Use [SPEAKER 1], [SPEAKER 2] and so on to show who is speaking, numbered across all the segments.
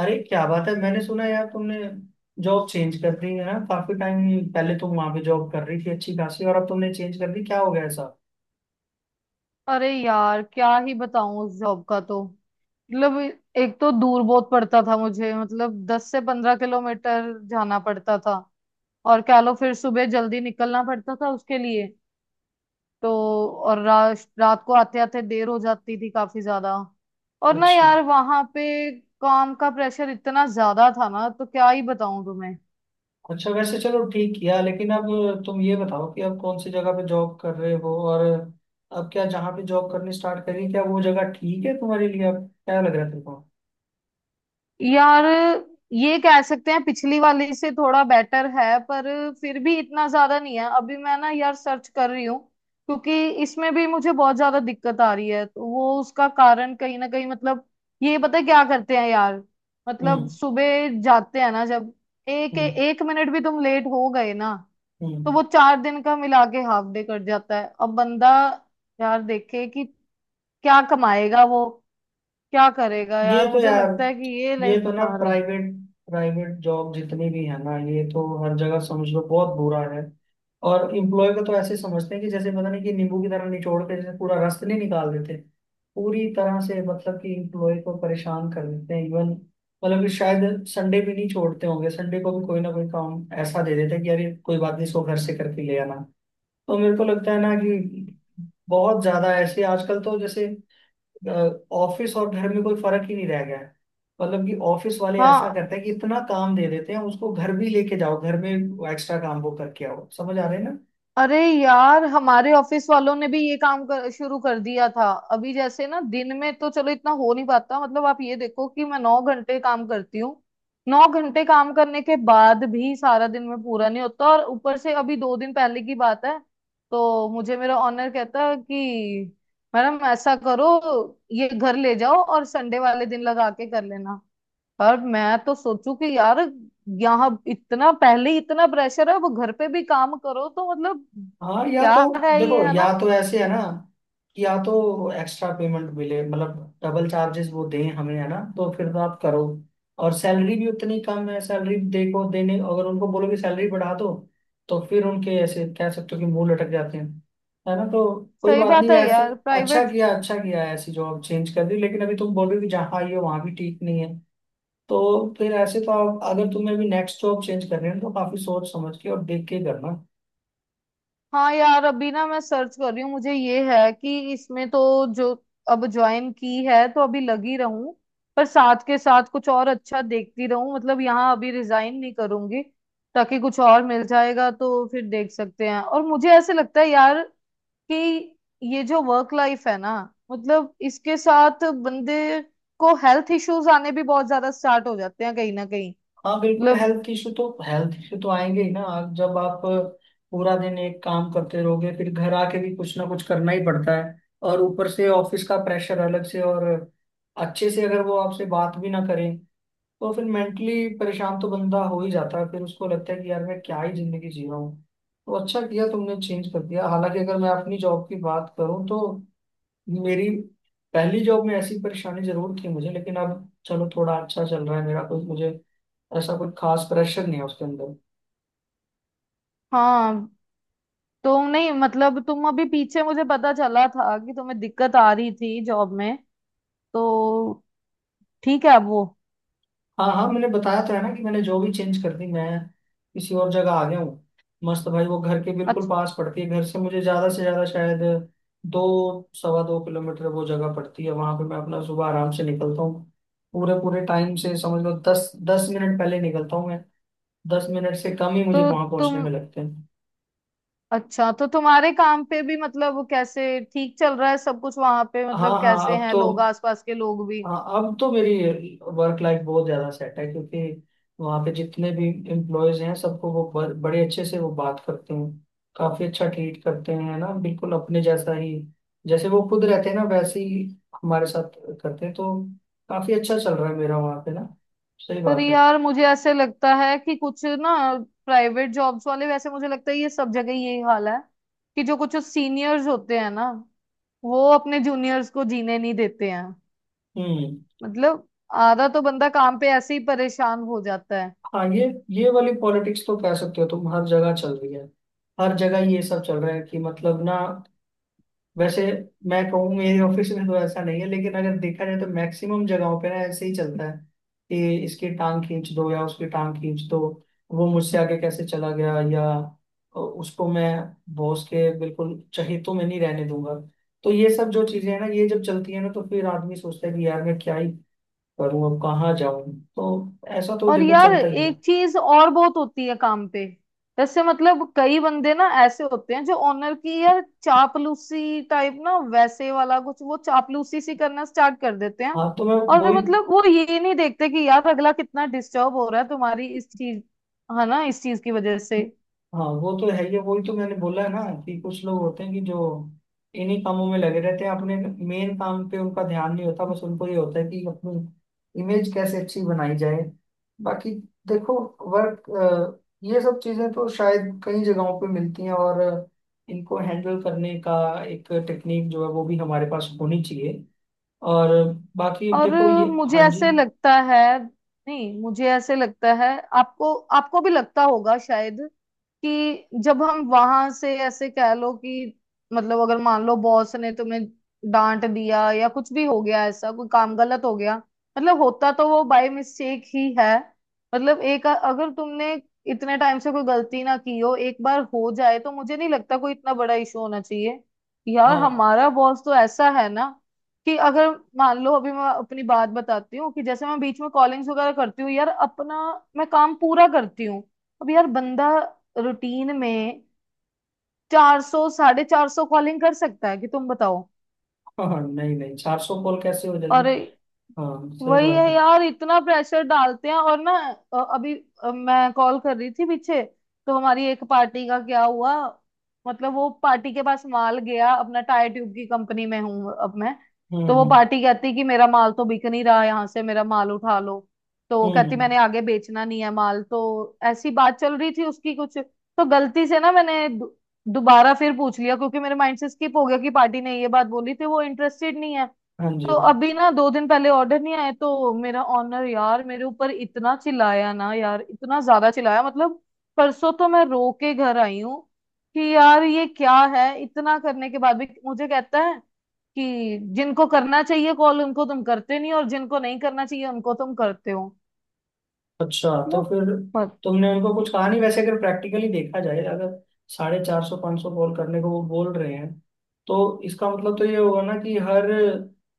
[SPEAKER 1] अरे, क्या बात है। मैंने सुना यार, तुमने जॉब चेंज कर दी है ना? काफी टाइम पहले तुम वहां पे जॉब कर रही थी अच्छी खासी, और अब तुमने चेंज कर दी, क्या हो गया ऐसा?
[SPEAKER 2] अरे यार क्या ही बताऊं। उस जॉब का तो मतलब, एक तो दूर बहुत पड़ता था मुझे, मतलब दस से पंद्रह किलोमीटर जाना पड़ता था। और कह लो फिर सुबह जल्दी निकलना पड़ता था उसके लिए। तो और रात को आते आते देर हो जाती थी काफी ज्यादा। और ना
[SPEAKER 1] अच्छा,
[SPEAKER 2] यार वहां पे काम का प्रेशर इतना ज्यादा था ना, तो क्या ही बताऊं तुम्हें।
[SPEAKER 1] अच्छा, वैसे चलो ठीक किया। लेकिन अब तुम ये बताओ कि अब कौन सी जगह पे जॉब कर रहे हो, और अब क्या जहाँ पे जॉब करनी स्टार्ट करी, क्या वो जगह ठीक है तुम्हारे लिए? अब क्या लग रहा है तुमको?
[SPEAKER 2] यार ये कह सकते हैं पिछली वाली से थोड़ा बेटर है, पर फिर भी इतना ज्यादा नहीं है। अभी मैं ना यार सर्च कर रही हूँ, क्योंकि इसमें भी मुझे बहुत ज्यादा दिक्कत आ रही है। तो वो उसका कारण कहीं ना कहीं, मतलब ये पता है क्या करते हैं यार, मतलब
[SPEAKER 1] हम्म।
[SPEAKER 2] सुबह जाते हैं ना, जब एक
[SPEAKER 1] हम्म।
[SPEAKER 2] एक मिनट भी तुम लेट हो गए ना, तो
[SPEAKER 1] हम्म।
[SPEAKER 2] वो चार दिन का मिला के हाफ डे कट जाता है। अब बंदा यार देखे कि क्या कमाएगा वो, क्या करेगा।
[SPEAKER 1] ये
[SPEAKER 2] यार
[SPEAKER 1] तो
[SPEAKER 2] मुझे
[SPEAKER 1] यार
[SPEAKER 2] लगता है कि ये लाइफ
[SPEAKER 1] ये तो ना
[SPEAKER 2] बेकार है।
[SPEAKER 1] प्राइवेट प्राइवेट जॉब जितनी भी है ना, ये तो हर जगह समझ लो बहुत बुरा है। और इम्प्लॉय को तो ऐसे समझते हैं कि जैसे पता नहीं, कि नींबू की तरह निचोड़ के जैसे पूरा रस नहीं निकाल देते, पूरी तरह से। मतलब कि इम्प्लॉय को परेशान कर देते हैं इवन। मतलब कि शायद संडे भी नहीं छोड़ते होंगे, संडे को भी कोई ना कोई काम ऐसा दे देते हैं कि अरे कोई बात नहीं, इसको घर से करके ले आना। तो मेरे को लगता है ना कि बहुत ज्यादा ऐसे आजकल तो जैसे ऑफिस और घर में कोई फर्क ही नहीं रह गया है। मतलब कि ऑफिस वाले ऐसा
[SPEAKER 2] हाँ,
[SPEAKER 1] करते हैं कि इतना काम दे देते हैं, उसको घर भी लेके जाओ, घर में एक्स्ट्रा काम वो करके आओ, समझ आ रहे हैं ना?
[SPEAKER 2] अरे यार हमारे ऑफिस वालों ने भी ये काम शुरू कर दिया था। अभी जैसे ना दिन में तो चलो इतना हो नहीं पाता, मतलब आप ये देखो कि मैं नौ घंटे काम करती हूँ। नौ घंटे काम करने के बाद भी सारा दिन में पूरा नहीं होता, और ऊपर से अभी दो दिन पहले की बात है, तो मुझे मेरा ऑनर कहता है कि मैडम ऐसा करो, ये घर ले जाओ और संडे वाले दिन लगा के कर लेना। और मैं तो सोचू कि यार यहाँ इतना पहले ही इतना प्रेशर है, वो घर पे भी काम करो तो मतलब
[SPEAKER 1] हाँ।
[SPEAKER 2] क्या है, ये है ना।
[SPEAKER 1] या तो ऐसे है ना, कि या तो एक्स्ट्रा पेमेंट मिले, मतलब डबल चार्जेस वो दें हमें, है ना, तो फिर तो आप करो। और सैलरी भी उतनी कम है, सैलरी देखो, देने अगर उनको बोलो कि सैलरी बढ़ा दो, तो फिर उनके ऐसे कह सकते हो कि मुंह लटक जाते हैं, है ना। तो कोई
[SPEAKER 2] सही
[SPEAKER 1] बात
[SPEAKER 2] बात
[SPEAKER 1] नहीं
[SPEAKER 2] है
[SPEAKER 1] ऐसे।
[SPEAKER 2] यार,
[SPEAKER 1] अच्छा
[SPEAKER 2] प्राइवेट।
[SPEAKER 1] किया, अच्छा किया ऐसी जॉब चेंज कर दी। लेकिन अभी तुम बोल रहे हो कि जहाँ आई हो वहाँ भी ठीक नहीं है, तो फिर ऐसे तो आप, अगर तुम्हें भी नेक्स्ट जॉब चेंज करनी है, तो काफी सोच समझ के और देख के करना।
[SPEAKER 2] हाँ यार अभी ना मैं सर्च कर रही हूँ। मुझे ये है कि इसमें तो, जो अब ज्वाइन की है तो अभी लगी रहूं, पर साथ के साथ कुछ और अच्छा देखती रहूं। मतलब यहाँ अभी रिजाइन नहीं करूंगी, ताकि कुछ और मिल जाएगा तो फिर देख सकते हैं। और मुझे ऐसे लगता है यार कि ये जो वर्क लाइफ है ना, मतलब इसके साथ बंदे को हेल्थ इश्यूज आने भी बहुत ज्यादा स्टार्ट हो जाते हैं कहीं ना कहीं।
[SPEAKER 1] हाँ, बिल्कुल,
[SPEAKER 2] मतलब
[SPEAKER 1] हेल्थ इशू तो, हेल्थ इशू तो आएंगे ही ना। जब आप पूरा दिन एक काम करते रहोगे, फिर घर आके भी कुछ ना कुछ करना ही पड़ता है। और ऊपर से ऑफिस का प्रेशर अलग से, और अच्छे से अगर वो आपसे बात भी ना करें, तो फिर मेंटली परेशान तो बंदा हो ही जाता है। फिर उसको लगता है कि यार मैं क्या ही जिंदगी जी रहा हूँ। तो अच्छा किया तुमने चेंज कर दिया। हालांकि अगर मैं अपनी जॉब की बात करूँ, तो मेरी पहली जॉब में ऐसी परेशानी जरूर थी मुझे, लेकिन अब चलो थोड़ा अच्छा चल रहा है मेरा, कुछ मुझे ऐसा कुछ खास प्रेशर नहीं है उसके अंदर।
[SPEAKER 2] हाँ, तो नहीं मतलब तुम अभी पीछे, मुझे पता चला था कि तुम्हें दिक्कत आ रही थी जॉब में, तो ठीक है अब वो।
[SPEAKER 1] हाँ, हाँ, मैंने बताया तो है ना कि मैंने जो भी चेंज कर दी, मैं किसी और जगह आ गया हूँ। मस्त भाई, वो घर के बिल्कुल
[SPEAKER 2] अच्छा
[SPEAKER 1] पास पड़ती है, घर से मुझे ज्यादा से ज्यादा शायद 2 सवा 2 किलोमीटर वो जगह पड़ती है। वहां पे मैं अपना सुबह आराम से निकलता हूँ, पूरे पूरे टाइम से। समझ लो 10 10 मिनट पहले निकलता हूँ मैं, 10 मिनट से कम ही
[SPEAKER 2] तो
[SPEAKER 1] मुझे वहां
[SPEAKER 2] तुम
[SPEAKER 1] पहुंचने में लगते हैं।
[SPEAKER 2] तुम्हारे काम पे भी मतलब कैसे ठीक चल रहा है सब कुछ वहां पे?
[SPEAKER 1] हाँ
[SPEAKER 2] मतलब कैसे हैं लोग, आसपास के लोग भी?
[SPEAKER 1] हाँ अब तो मेरी वर्क लाइफ बहुत ज्यादा सेट है, क्योंकि वहाँ पे जितने भी एम्प्लॉयज हैं, सबको वो बड़े अच्छे से वो बात करते हैं, काफी अच्छा ट्रीट करते हैं ना, बिल्कुल अपने जैसा ही, जैसे वो खुद रहते हैं ना, वैसे ही हमारे साथ करते हैं। तो काफी अच्छा चल रहा है मेरा वहाँ पे ना। सही
[SPEAKER 2] पर
[SPEAKER 1] बात है।
[SPEAKER 2] यार मुझे ऐसे लगता है कि कुछ ना, प्राइवेट जॉब्स वाले, वैसे मुझे लगता है ये सब जगह यही हाल है कि जो कुछ सीनियर्स होते हैं ना, वो अपने जूनियर्स को जीने नहीं देते हैं।
[SPEAKER 1] हम्म।
[SPEAKER 2] मतलब आधा तो बंदा काम पे ऐसे ही परेशान हो जाता है।
[SPEAKER 1] हाँ। ये वाली पॉलिटिक्स तो कह सकते हो तुम, हर जगह चल रही है। हर जगह ये सब चल रहा है कि मतलब ना, वैसे मैं कहूँ मेरे ऑफिस में तो ऐसा नहीं है, लेकिन अगर देखा जाए तो मैक्सिमम जगहों पे ना ऐसे ही चलता है, कि इसकी टांग खींच दो या उसकी टांग खींच दो, वो मुझसे आगे कैसे चला गया, या उसको मैं बॉस के बिल्कुल चहेतों में नहीं रहने दूंगा। तो ये सब जो चीजें हैं ना, ये जब चलती है ना, तो फिर आदमी सोचता है कि यार मैं क्या ही करूँ, अब कहाँ जाऊँ। तो ऐसा तो
[SPEAKER 2] और
[SPEAKER 1] देखो
[SPEAKER 2] यार
[SPEAKER 1] चलता ही है।
[SPEAKER 2] एक चीज और बहुत होती है काम पे, जैसे मतलब कई बंदे ना ऐसे होते हैं जो ऑनर की यार चापलूसी टाइप ना, वैसे वाला कुछ, वो चापलूसी सी करना स्टार्ट कर देते हैं।
[SPEAKER 1] हाँ तो मैं
[SPEAKER 2] और वो
[SPEAKER 1] वही
[SPEAKER 2] मतलब वो ये नहीं देखते कि यार अगला कितना डिस्टर्ब हो रहा है तुम्हारी इस चीज, है ना, इस चीज की वजह से।
[SPEAKER 1] हाँ, वो तो है ही है, वही तो मैंने बोला है ना कि कुछ लोग होते हैं कि जो इन्हीं कामों में लगे रहते हैं, अपने मेन काम पे उनका ध्यान नहीं होता, बस उनको ये होता है कि अपनी इमेज कैसे अच्छी बनाई जाए। बाकी देखो, वर्क, ये सब चीजें तो शायद कई जगहों पे मिलती हैं, और इनको हैंडल करने का एक टेक्निक जो है वो भी हमारे पास होनी चाहिए, और बाकी
[SPEAKER 2] और
[SPEAKER 1] देखो ये।
[SPEAKER 2] मुझे
[SPEAKER 1] हाँ जी।
[SPEAKER 2] ऐसे लगता है, नहीं मुझे ऐसे लगता है आपको, आपको भी लगता होगा शायद, कि जब हम वहां से ऐसे कह लो कि मतलब, अगर मान लो बॉस ने तुम्हें डांट दिया या कुछ भी हो गया, ऐसा कोई काम गलत हो गया, मतलब होता तो वो बाय मिस्टेक ही है। मतलब एक अगर तुमने इतने टाइम से कोई गलती ना की हो, एक बार हो जाए, तो मुझे नहीं लगता कोई इतना बड़ा इशू होना चाहिए। यार
[SPEAKER 1] हाँ।
[SPEAKER 2] हमारा बॉस तो ऐसा है ना कि अगर मान लो, अभी मैं अपनी बात बताती हूँ कि जैसे मैं बीच में कॉलिंग्स वगैरह करती हूँ यार, अपना मैं काम पूरा करती हूँ। अब यार बंदा रूटीन में चार सौ साढ़े चार सौ कॉलिंग कर सकता है कि? तुम बताओ।
[SPEAKER 1] हाँ, हाँ, नहीं, नहीं, 400 कॉल कैसे हो जाएगी?
[SPEAKER 2] और
[SPEAKER 1] हाँ, सही
[SPEAKER 2] वही है
[SPEAKER 1] बात है।
[SPEAKER 2] यार, इतना प्रेशर डालते हैं और ना। अभी मैं कॉल कर रही थी पीछे, तो हमारी एक पार्टी का क्या हुआ, मतलब वो पार्टी के पास माल गया अपना, टायर ट्यूब की कंपनी में हूँ अब मैं।
[SPEAKER 1] हम्म।
[SPEAKER 2] तो वो
[SPEAKER 1] हम्म।
[SPEAKER 2] पार्टी कहती कि मेरा माल तो बिक नहीं रहा यहाँ से, मेरा माल उठा लो। तो
[SPEAKER 1] हम्म।
[SPEAKER 2] कहती
[SPEAKER 1] हम्म।
[SPEAKER 2] मैंने आगे बेचना नहीं है माल, तो ऐसी बात चल रही थी उसकी। कुछ तो गलती से ना मैंने दोबारा फिर पूछ लिया, क्योंकि मेरे माइंड से स्किप हो गया कि पार्टी ने ये बात बोली थी, वो इंटरेस्टेड नहीं है।
[SPEAKER 1] हाँ जी।
[SPEAKER 2] तो अभी ना दो दिन पहले ऑर्डर नहीं आया तो मेरा ऑनर यार मेरे ऊपर इतना चिल्लाया ना यार, इतना ज्यादा चिल्लाया, मतलब परसों तो मैं रो के घर आई हूँ। कि यार ये क्या है, इतना करने के बाद भी मुझे कहता है कि जिनको करना चाहिए कॉल उनको तुम करते नहीं, और जिनको नहीं करना चाहिए उनको तुम करते हो,
[SPEAKER 1] अच्छा, तो फिर
[SPEAKER 2] मतलब।
[SPEAKER 1] तुमने उनको कुछ कहा नहीं? वैसे अगर प्रैक्टिकली देखा जाए, अगर साढ़े चार सौ पाँच सौ कॉल करने को वो बोल रहे हैं, तो इसका मतलब तो ये होगा ना कि हर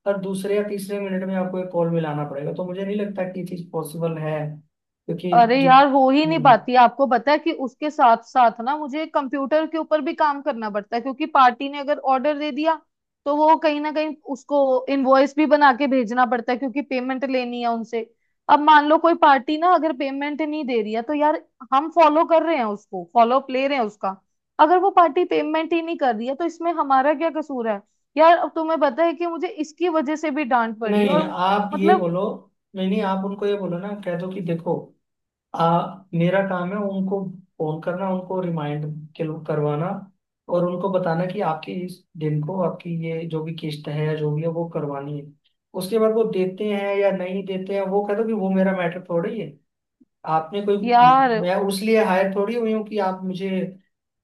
[SPEAKER 1] हर दूसरे या तीसरे मिनट में आपको एक कॉल मिलाना पड़ेगा। तो मुझे नहीं लगता कि ये चीज़ पॉसिबल है, क्योंकि
[SPEAKER 2] अरे यार हो ही नहीं
[SPEAKER 1] हम्म।
[SPEAKER 2] पाती। आपको पता है कि उसके साथ साथ ना मुझे कंप्यूटर के ऊपर भी काम करना पड़ता है, क्योंकि पार्टी ने अगर ऑर्डर दे दिया तो वो कहीं ना कहीं उसको इनवॉइस भी बना के भेजना पड़ता है, क्योंकि पेमेंट लेनी है उनसे। अब मान लो कोई पार्टी ना अगर पेमेंट नहीं दे रही है, तो यार हम फॉलो कर रहे हैं उसको, फॉलोअप ले रहे हैं उसका। अगर वो पार्टी पेमेंट ही नहीं कर रही है तो इसमें हमारा क्या कसूर है? यार अब तुम्हें पता है कि मुझे इसकी वजह से भी डांट पड़ी,
[SPEAKER 1] नहीं
[SPEAKER 2] और
[SPEAKER 1] आप ये
[SPEAKER 2] मतलब
[SPEAKER 1] बोलो नहीं, नहीं, आप उनको ये बोलो ना, कह दो कि देखो, मेरा काम है उनको फोन करना, उनको रिमाइंड करवाना, और उनको बताना कि आपके इस दिन को आपकी ये जो भी किस्त है या जो भी है वो करवानी है। उसके बाद वो देते हैं या नहीं देते हैं, वो कहते हैं कि वो मेरा मैटर थोड़ी है। आपने कोई
[SPEAKER 2] यार।
[SPEAKER 1] मैं उस लिए हायर थोड़ी हुई हूँ, कि आप मुझे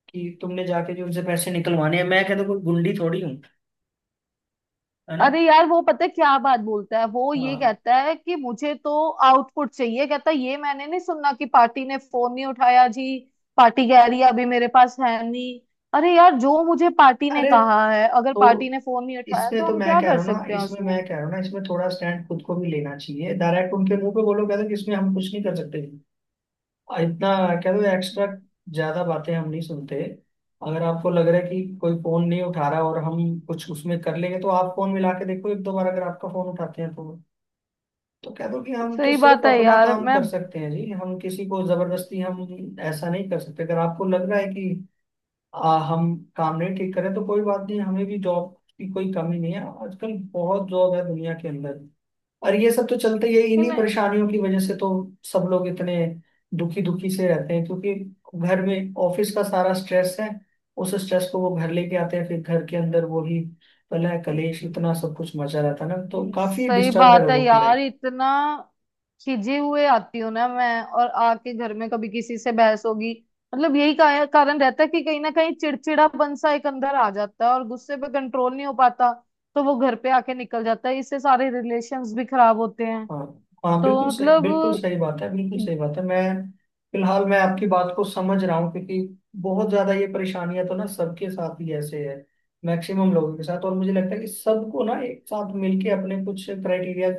[SPEAKER 1] कि तुमने जाके जो उनसे पैसे निकलवाने हैं। मैं कहता हूँ कोई गुंडी थोड़ी हूँ, है ना।
[SPEAKER 2] अरे यार वो पता है क्या बात बोलता है, वो ये
[SPEAKER 1] हाँ।
[SPEAKER 2] कहता है कि मुझे तो आउटपुट चाहिए। कहता है ये मैंने नहीं सुना कि पार्टी ने फोन नहीं उठाया जी, पार्टी कह रही है अभी मेरे पास है नहीं। अरे यार, जो मुझे पार्टी ने
[SPEAKER 1] अरे,
[SPEAKER 2] कहा है, अगर
[SPEAKER 1] तो
[SPEAKER 2] पार्टी ने फोन नहीं उठाया तो हम क्या कर सकते हैं
[SPEAKER 1] इसमें
[SPEAKER 2] उसमें?
[SPEAKER 1] मैं कह रहा हूँ ना, इसमें थोड़ा स्टैंड खुद को भी लेना चाहिए। डायरेक्ट उनके मुंह पे बोलो, कहते कि इसमें हम कुछ नहीं कर सकते, और इतना, कहते एक्स्ट्रा ज्यादा बातें हम नहीं सुनते। अगर आपको लग रहा है कि कोई फोन नहीं उठा रहा, और हम कुछ उसमें कर लेंगे, तो आप फोन मिला के देखो एक दो बार, अगर आपका फोन उठाते हैं तो। तो कह दो कि हम तो
[SPEAKER 2] सही
[SPEAKER 1] सिर्फ
[SPEAKER 2] बात है
[SPEAKER 1] अपना
[SPEAKER 2] यार
[SPEAKER 1] काम
[SPEAKER 2] मैं,
[SPEAKER 1] कर सकते हैं जी, हम किसी को जबरदस्ती हम ऐसा नहीं कर सकते। अगर आपको लग रहा है कि हम काम नहीं ठीक करें, तो कोई बात नहीं, हमें भी जॉब की कोई कमी नहीं है, आजकल बहुत जॉब है दुनिया के अंदर। और ये सब तो चलते ही है,
[SPEAKER 2] कि
[SPEAKER 1] इन्हीं
[SPEAKER 2] नहीं।
[SPEAKER 1] परेशानियों की वजह से तो सब लोग इतने दुखी दुखी से रहते हैं, क्योंकि घर में ऑफिस का सारा स्ट्रेस है। उस स्ट्रेस को वो घर लेके आते हैं, फिर घर के अंदर वो ही कलह कलेश इतना सब कुछ मचा रहता है ना, तो काफी
[SPEAKER 2] सही
[SPEAKER 1] डिस्टर्ब है
[SPEAKER 2] बात है
[SPEAKER 1] लोगों की
[SPEAKER 2] यार,
[SPEAKER 1] लाइफ।
[SPEAKER 2] इतना खिजे हुए आती हूँ ना मैं, और आके घर में कभी किसी से बहस होगी, मतलब यही कारण रहता है कि कहीं ना कहीं चिड़चिड़ापन सा एक अंदर आ जाता है और गुस्से पे कंट्रोल नहीं हो पाता। तो वो घर पे आके निकल जाता है, इससे सारे रिलेशंस भी खराब होते हैं।
[SPEAKER 1] हाँ। हाँ,
[SPEAKER 2] तो
[SPEAKER 1] बिल्कुल सही, बिल्कुल
[SPEAKER 2] मतलब
[SPEAKER 1] सही बात है, बिल्कुल सही बात है। मैं फिलहाल मैं आपकी बात को समझ रहा हूँ, क्योंकि बहुत ज्यादा ये परेशानियां तो ना सबके साथ ही ऐसे है, मैक्सिमम लोगों के साथ। और मुझे लगता है कि सबको ना एक साथ मिलके अपने कुछ क्राइटेरिया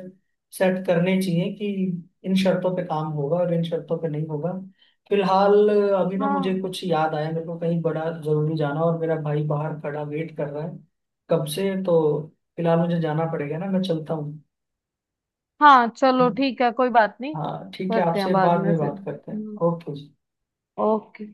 [SPEAKER 1] सेट करने चाहिए, कि इन शर्तों पे काम होगा और इन शर्तों पे नहीं होगा। फिलहाल, अभी ना मुझे
[SPEAKER 2] हाँ।
[SPEAKER 1] कुछ याद आया, मेरे को कहीं बड़ा जरूरी जाना, और मेरा भाई बाहर खड़ा वेट कर रहा है कब से। तो फिलहाल मुझे जाना पड़ेगा ना, मैं चलता हूँ।
[SPEAKER 2] हाँ चलो ठीक है, कोई बात नहीं।
[SPEAKER 1] हाँ, ठीक है,
[SPEAKER 2] करते हैं
[SPEAKER 1] आपसे
[SPEAKER 2] बाद
[SPEAKER 1] बाद
[SPEAKER 2] में
[SPEAKER 1] में
[SPEAKER 2] फिर।
[SPEAKER 1] बात करते हैं, ओके जी।
[SPEAKER 2] ओके।